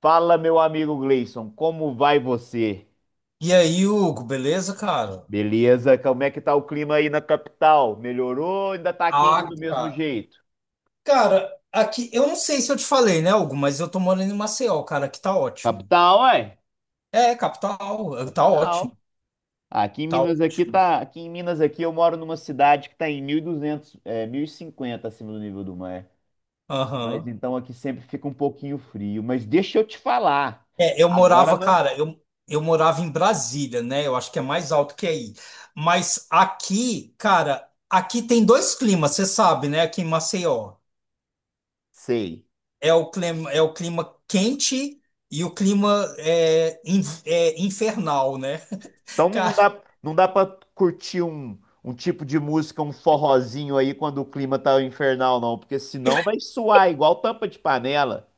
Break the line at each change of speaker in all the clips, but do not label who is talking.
Fala, meu amigo Gleison, como vai você?
E aí, Hugo, beleza, cara?
Beleza? Como é que tá o clima aí na capital? Melhorou ou ainda tá quente
Ah,
do mesmo
cara.
jeito?
Cara, aqui, eu não sei se eu te falei, né, Hugo, mas eu tô morando em Maceió, cara, aqui tá ótimo.
Capital, ué?
É, capital, tá ótimo,
Capital. Aqui em
tá
Minas aqui
ótimo.
tá, aqui em Minas aqui eu moro numa cidade que tá em 1200, é, 1050 acima do nível do mar. Mas
Aham.
então aqui sempre fica um pouquinho frio, mas deixa eu te falar.
É, eu
Agora,
morava,
não
cara, eu morava em Brasília, né? Eu acho que é mais alto que aí. Mas aqui, cara, aqui tem dois climas, você sabe, né, aqui em Maceió.
sei.
É o clima quente e o clima é infernal, né?
Então não não
Cara.
dá, não dá para curtir um, um tipo de música, um forrozinho aí quando o clima tá infernal, não, porque senão vai suar igual tampa de panela.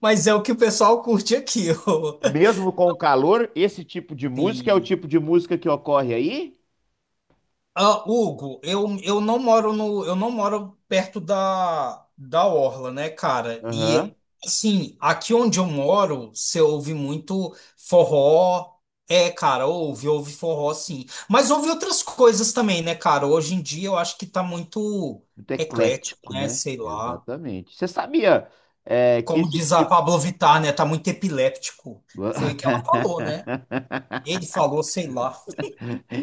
Mas é o que o pessoal curte aqui. Ó.
Mesmo com o calor, esse tipo de música é o
Sim.
tipo de música que ocorre aí?
Ah, Hugo, eu não moro no, eu não moro perto da, da orla, né, cara?
Aham.
E assim, aqui onde eu moro, você ouve muito forró. É, cara, ouve forró, sim. Mas ouve outras coisas também, né, cara? Hoje em dia eu acho que tá muito
Muito
eclético,
eclético,
né?
né?
Sei lá.
Exatamente. Você sabia, é, que
Como
esse
diz a
tipo.
Pablo Vittar, né? Tá muito epiléptico. Foi o que ela falou, né? Ele falou, sei lá.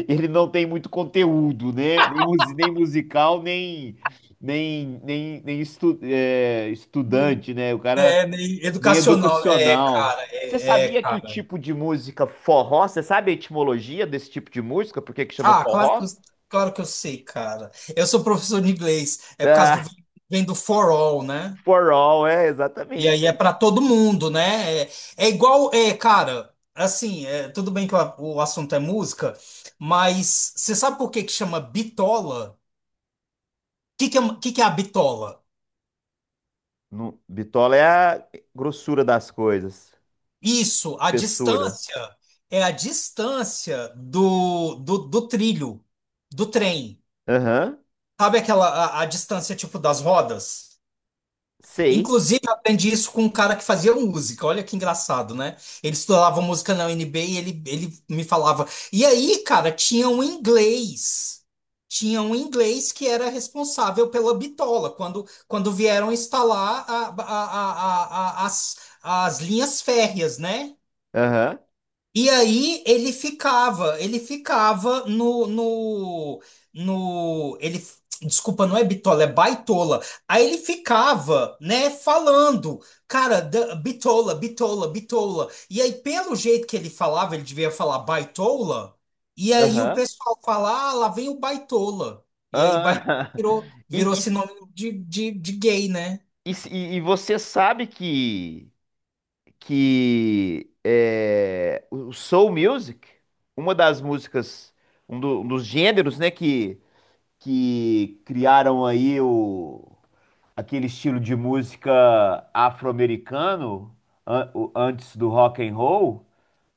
Ele não tem muito conteúdo, né? Nem, nem musical, nem, nem, nem, estudante, né? O cara.
É, né,
Meio
educacional,
educacional.
cara,
Você sabia que o
cara.
tipo de música forró, você sabe a etimologia desse tipo de música? Por que que chama
Ah, claro que
forró?
eu, claro que eu sei, cara. Eu sou professor de inglês, é por causa do
Ah,
vem do for all, né?
forró, é,
E
exatamente.
aí é para todo mundo, né? Cara, assim, tudo bem que o assunto é música, mas você sabe por que que chama bitola? O que que é a bitola?
No, bitola é a grossura das coisas.
Isso, a
Espessura.
distância é a distância do trilho, do trem.
Aham,
Sabe aquela a distância tipo das rodas?
sei.
Inclusive, eu aprendi isso com um cara que fazia música. Olha que engraçado, né? Ele estudava música na UNB e ele me falava. E aí, cara, tinha um inglês. Tinha um inglês que era responsável pela bitola, quando vieram instalar as, as linhas férreas, né?
Aham,
E aí ele ficava no. Desculpa, não é bitola, é baitola. Aí ele ficava, né, falando, cara, bitola, bitola, bitola. E aí pelo jeito que ele falava, ele devia falar baitola. E aí o
aham,
pessoal fala, ah, lá vem o baitola. E aí baitola
aham.
virou, virou
E,
sinônimo de gay, né?
e você sabe que é, o soul music, uma das músicas, um dos gêneros, né, que criaram aí o, aquele estilo de música afro-americano antes do rock and roll,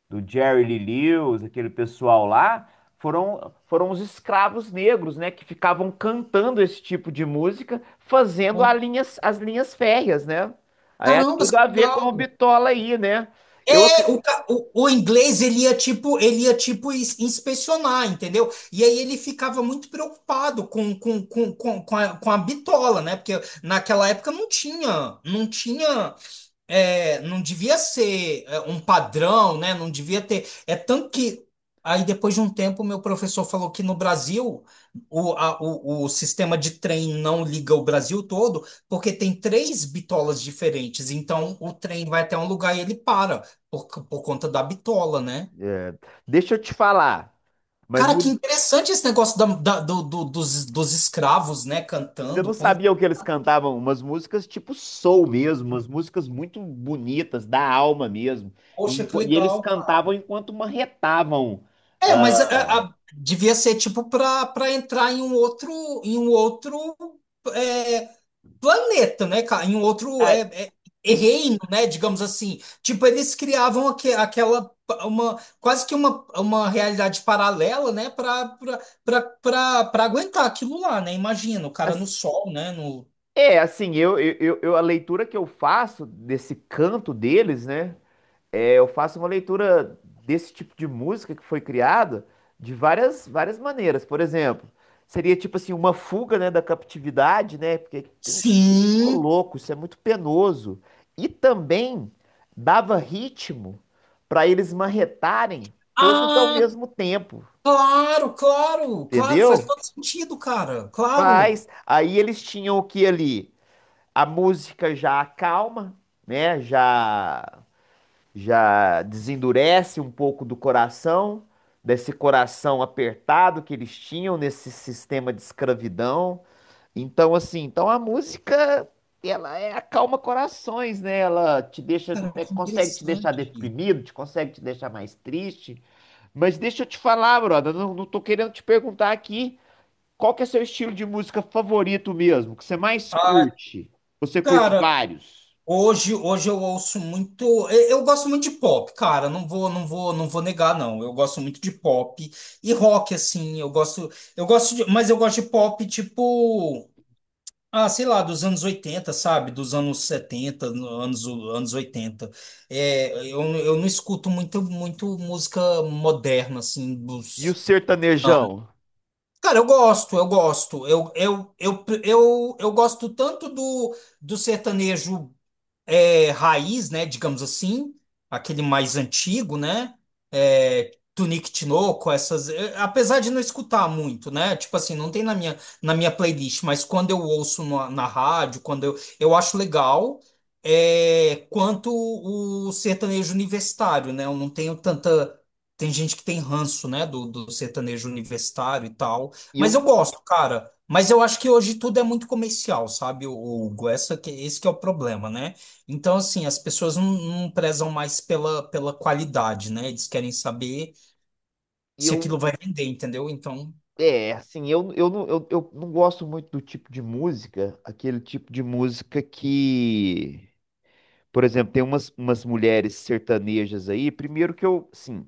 do Jerry Lee Lewis, aquele pessoal lá, foram os escravos negros, né, que ficavam cantando esse tipo de música, fazendo
Pô,
as linhas férreas, né? Aí é
caramba,
tudo a
que
ver com o
legal.
Bitola aí, né? Eu, ac-
É, o inglês ele ia tipo inspecionar, entendeu? E aí ele ficava muito preocupado com a bitola, né? Porque naquela época não tinha, não tinha não devia ser um padrão, né? Não devia ter. É tanto que aí depois de um tempo meu professor falou que no Brasil o sistema de trem não liga o Brasil todo porque tem três bitolas diferentes. Então o trem vai até um lugar e ele para por, por conta da bitola, né?
é, Deixa eu te falar, mas
Cara, que interessante esse negócio dos escravos, né?
você não
Cantando, põe.
sabia o que eles cantavam? Umas músicas tipo soul mesmo, umas músicas muito bonitas, da alma mesmo. E,
Poxa, que
e eles
legal,
cantavam
cara.
enquanto marretavam.
É, mas
Ah,
devia ser tipo para entrar em um outro é, planeta, né, cara? Em um outro
ah,
é
isso,
reino, né? Digamos assim. Tipo, eles criavam aquela uma quase que uma realidade paralela, né? Para para aguentar aquilo lá, né? Imagina o cara no
as-
sol, né? No
assim, a leitura que eu faço desse canto deles, né? É, eu faço uma leitura desse tipo de música que foi criada de várias, várias maneiras. Por exemplo, seria tipo assim, uma fuga, né, da captividade, né? Porque quem... Ô,
sim.
louco, isso é muito penoso. E também dava ritmo para eles marretarem todos ao
Ah,
mesmo tempo,
claro, claro, claro. Faz
entendeu?
todo sentido, cara. Claro.
Faz. Aí eles tinham o que ali? A música já acalma, né? Já já desendurece um pouco do coração, desse coração apertado que eles tinham nesse sistema de escravidão. Então, assim, então a música, ela é acalma corações, né? Ela te deixa,
Cara,
é,
que
consegue te deixar
interessante.
deprimido, te consegue te deixar mais triste. Mas deixa eu te falar, brother, não, não tô querendo te perguntar aqui qual que é seu estilo de música favorito mesmo, que você mais curte. Você curte
Cara,
vários.
hoje, hoje eu ouço muito. Eu gosto muito de pop, cara. Não vou negar, não. Eu gosto muito de pop e rock, assim. Eu gosto de, mas eu gosto de pop tipo, ah, sei lá, dos anos oitenta sabe? Dos anos setenta, anos oitenta. É, eu não escuto muito música moderna, assim,
E o
dos. Não.
sertanejão?
Cara, eu gosto, eu gosto. Eu gosto tanto do, do sertanejo raiz, né, digamos assim, aquele mais antigo, né, é, Tunique Tinoco, essas, é, apesar de não escutar muito, né, tipo assim, não tem na minha playlist, mas quando eu ouço na rádio, quando eu acho legal, é, quanto o sertanejo universitário, né, eu não tenho tanta, tem gente que tem ranço, né, do sertanejo universitário e tal,
E eu,
mas eu gosto, cara, mas eu acho que hoje tudo é muito comercial, sabe, o Hugo? Esse que é o problema, né? Então, assim, as pessoas não, não prezam mais pela, pela qualidade, né? Eles querem saber
e
se
eu,
aquilo vai vender, entendeu? Então,
assim, eu não gosto muito do tipo de música, aquele tipo de música que... Por exemplo, tem umas, umas mulheres sertanejas aí. Primeiro que eu, sim,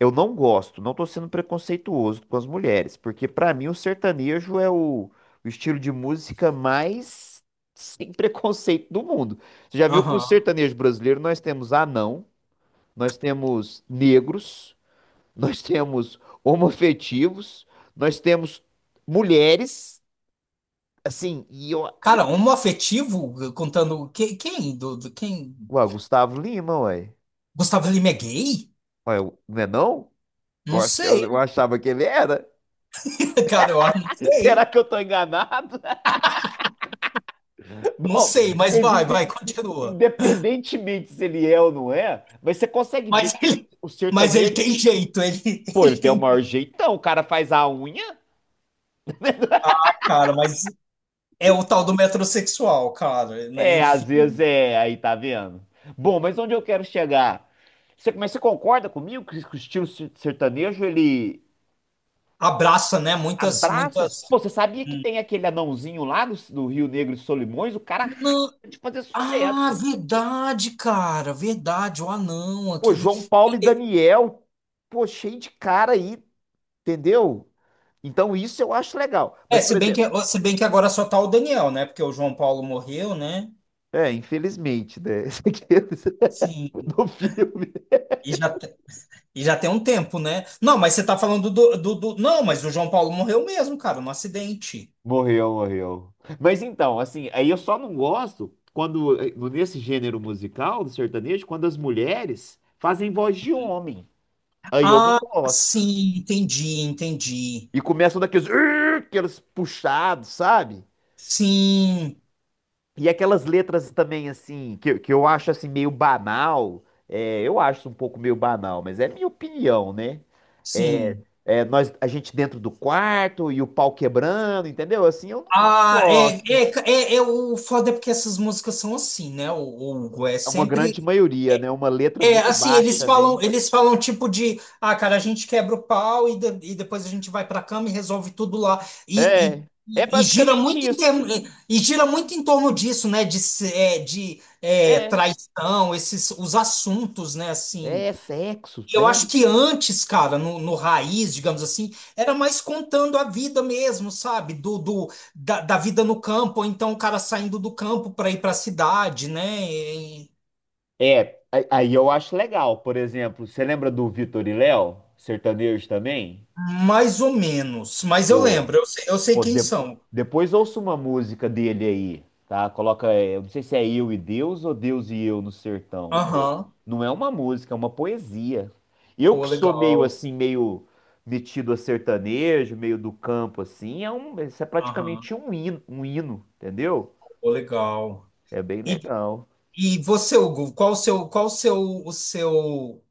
eu não gosto, não tô sendo preconceituoso com as mulheres, porque pra mim o sertanejo é o estilo de música mais sem preconceito do mundo. Você já viu que no
aham.
sertanejo brasileiro nós temos anão, nós temos negros, nós temos homoafetivos, nós temos mulheres, assim, e eu...
Cara, homoafetivo, contando... que- Quem? Quem?
Ué, Gustavo Lima, ué.
Gustavo Lima é gay?
Ué, não é não? Eu,
Não
eu
sei,
achava que ele era.
cara, eu não
Será
sei.
que eu tô enganado?
Não
Bom,
sei, mas
mas
vai, vai, continua.
independentemente se ele é ou não é, mas você consegue ver
Mas
que
ele,
o
mas ele
sertanejo,
tem jeito, ele,
pô, ele
ele
tem o
tem...
maior jeitão, o cara faz a unha.
Cara, mas é o tal do metrosexual, cara, né?
É, às vezes
Enfim.
é, aí tá vendo? Bom, mas onde eu quero chegar? Você, mas você concorda comigo que o estilo sertanejo, ele
Abraça, né? Muitas,
abraça?
muitas...
Pô, você sabia que tem aquele anãozinho lá do, do Rio Negro e Solimões? O cara
Não,
de fazer
ah,
sucesso.
verdade, cara, verdade, o anão,
Pô,
aquele.
João Paulo e Daniel, pô, cheio de cara aí. Entendeu? Então isso eu acho legal.
É,
Mas, por
se bem que,
exemplo,
se bem que agora só tá o Daniel, né? Porque o João Paulo morreu, né?
é, infelizmente, né? Esse aqui é do
Sim,
filme.
e e já tem um tempo, né? Não, mas você tá falando Não, mas o João Paulo morreu mesmo, cara, no acidente.
Morreu, morreu. Mas então, assim, aí eu só não gosto quando, nesse gênero musical do sertanejo, quando as mulheres fazem voz de homem. Aí eu não
Ah,
gosto.
sim, entendi, entendi.
E começam daqueles, "Ur", aqueles puxados, sabe?
Sim,
E aquelas letras também, assim, que eu acho, assim, meio banal. É, eu acho um pouco meio banal, mas é minha opinião, né? É,
sim.
é, nós, a gente dentro do quarto e o pau quebrando, entendeu? Assim, eu não
Ah, é,
gosto.
é, é o foda é porque essas músicas são assim, né? O Hugo é
É uma
sempre
grande maioria, né? Uma letra
É,
muito
assim,
baixa, né?
eles falam tipo de, ah, cara, a gente quebra o pau e depois a gente vai para a cama e resolve tudo lá.
É, é
E gira
basicamente
muito em
isso.
e gira muito em torno disso, né? De, se- é, de é,
É,
traição, esses os assuntos, né? Assim,
é sexo,
e eu acho
né?
que antes, cara, no, no raiz, digamos assim, era mais contando a vida mesmo, sabe? Da vida no campo, ou então o cara saindo do campo para ir para a cidade, né?
É, a- aí eu acho legal. Por exemplo, você lembra do Vitor e Léo, sertanejo também?
Mais ou menos, mas eu
Pô,
lembro, eu sei
pô,
quem são.
depois ouça uma música dele aí, tá? Coloca, é, eu não sei se é Eu e Deus ou Deus e Eu no Sertão. Pô,
Aham,
não é uma música, é uma poesia. Eu
pô,
que sou meio
legal.
assim, meio metido a sertanejo, meio do campo assim, é um, isso é
Aham,
praticamente um hino, entendeu?
pô, legal.
É bem
E,
legal.
e você, Hugo, qual o seu, o seu,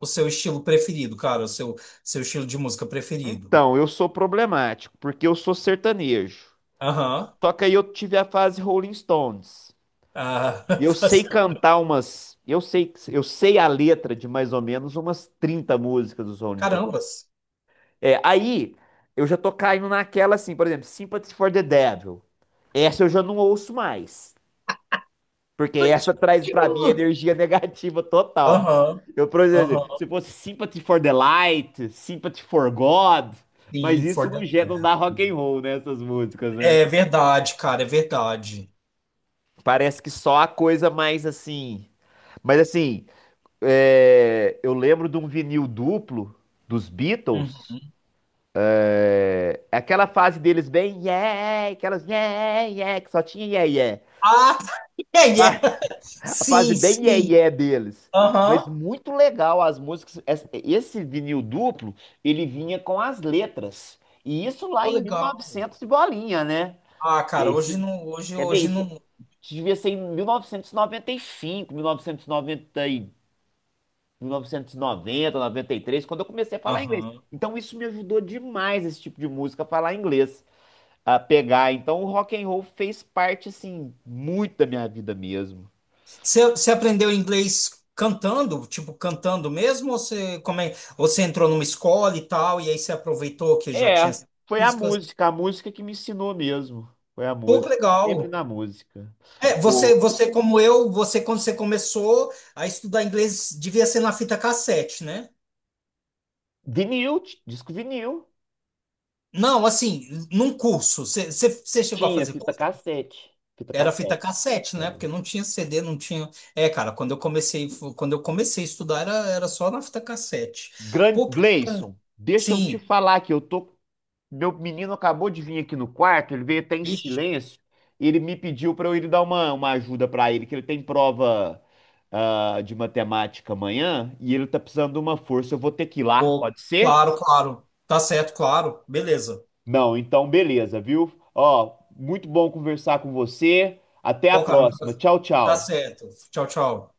o seu estilo preferido, cara? Seu estilo de música preferido?
Então, eu sou problemático, porque eu sou sertanejo.
Aham.
Só que aí eu tive a fase Rolling Stones.
Ah,
E eu sei
fazendo-
cantar umas, eu sei a letra de mais ou menos umas 30 músicas dos Rolling Stones.
carambas.
É, aí eu já tô caindo naquela assim, por exemplo, Sympathy for the Devil. Essa eu já não ouço mais, porque essa traz pra mim energia negativa total.
Aham,
Eu, por exemplo, se
aham.
fosse Sympathy for the Light, Sympathy for God, mas
Sim, For
isso não
the
gera, não
Bell.
dá rock and roll, né, essas músicas, né?
É verdade, cara, é verdade.
Parece que só a coisa mais assim, mas assim, é, eu lembro de um vinil duplo dos
Uhum.
Beatles. É, aquela fase deles bem yeah, aquelas yeah, yeah, que só tinha yeah, yeah.
Ah, é, é.
A fase
Sim,
bem yeah,
sim.
yeah deles. Mas
Aham.
muito legal as músicas. Esse vinil duplo, ele vinha com as letras. E isso lá
Pô,
em
legal.
1900 e novecentos e bolinha, né?
Ah,
E é
cara,
isso,
hoje não, hoje,
quer ver
hoje
isso?
não.
Devia ser em 1995, 1990 e noventa e cinco, mil novecentos e noventa e 1990, 93, quando eu comecei a falar inglês.
Aham.
Então isso me ajudou demais, esse tipo de música, a falar inglês, a pegar. Então o rock and roll fez parte, assim, muito da minha vida mesmo.
Você, você aprendeu inglês cantando, tipo, cantando mesmo, ou você, como é, ou você entrou numa escola e tal, e aí você aproveitou que já
É,
tinha essas
foi
músicas?
a música que me ensinou mesmo. Foi a
Pô, que
música, sempre
legal.
na música.
É,
O
você como eu, você quando você começou a estudar inglês, devia ser na fita cassete, né?
vinil, disco vinil,
Não, assim, num curso. Você chegou a
tinha
fazer
fita
curso?
cassete, fita
Era fita
cassete.
cassete, né? Porque não tinha CD, não tinha. É, cara, quando eu comecei a estudar era, era só na fita cassete. Pô, que-
Gleison, deixa eu te
sim,
falar que eu tô... Meu menino acabou de vir aqui no quarto, ele veio até em
ixi,
silêncio. Ele me pediu para eu ir dar uma ajuda para ele, que ele tem prova, ah, de matemática amanhã e ele tá precisando de uma força. Eu vou ter que ir lá,
pô,
pode ser?
claro, claro. Tá certo, claro. Beleza.
Não, então beleza, viu? Ó, muito bom conversar com você. Até a
Pô, cara, um
próxima.
prazer.
Tchau,
Tá
tchau.
certo. Tchau, tchau.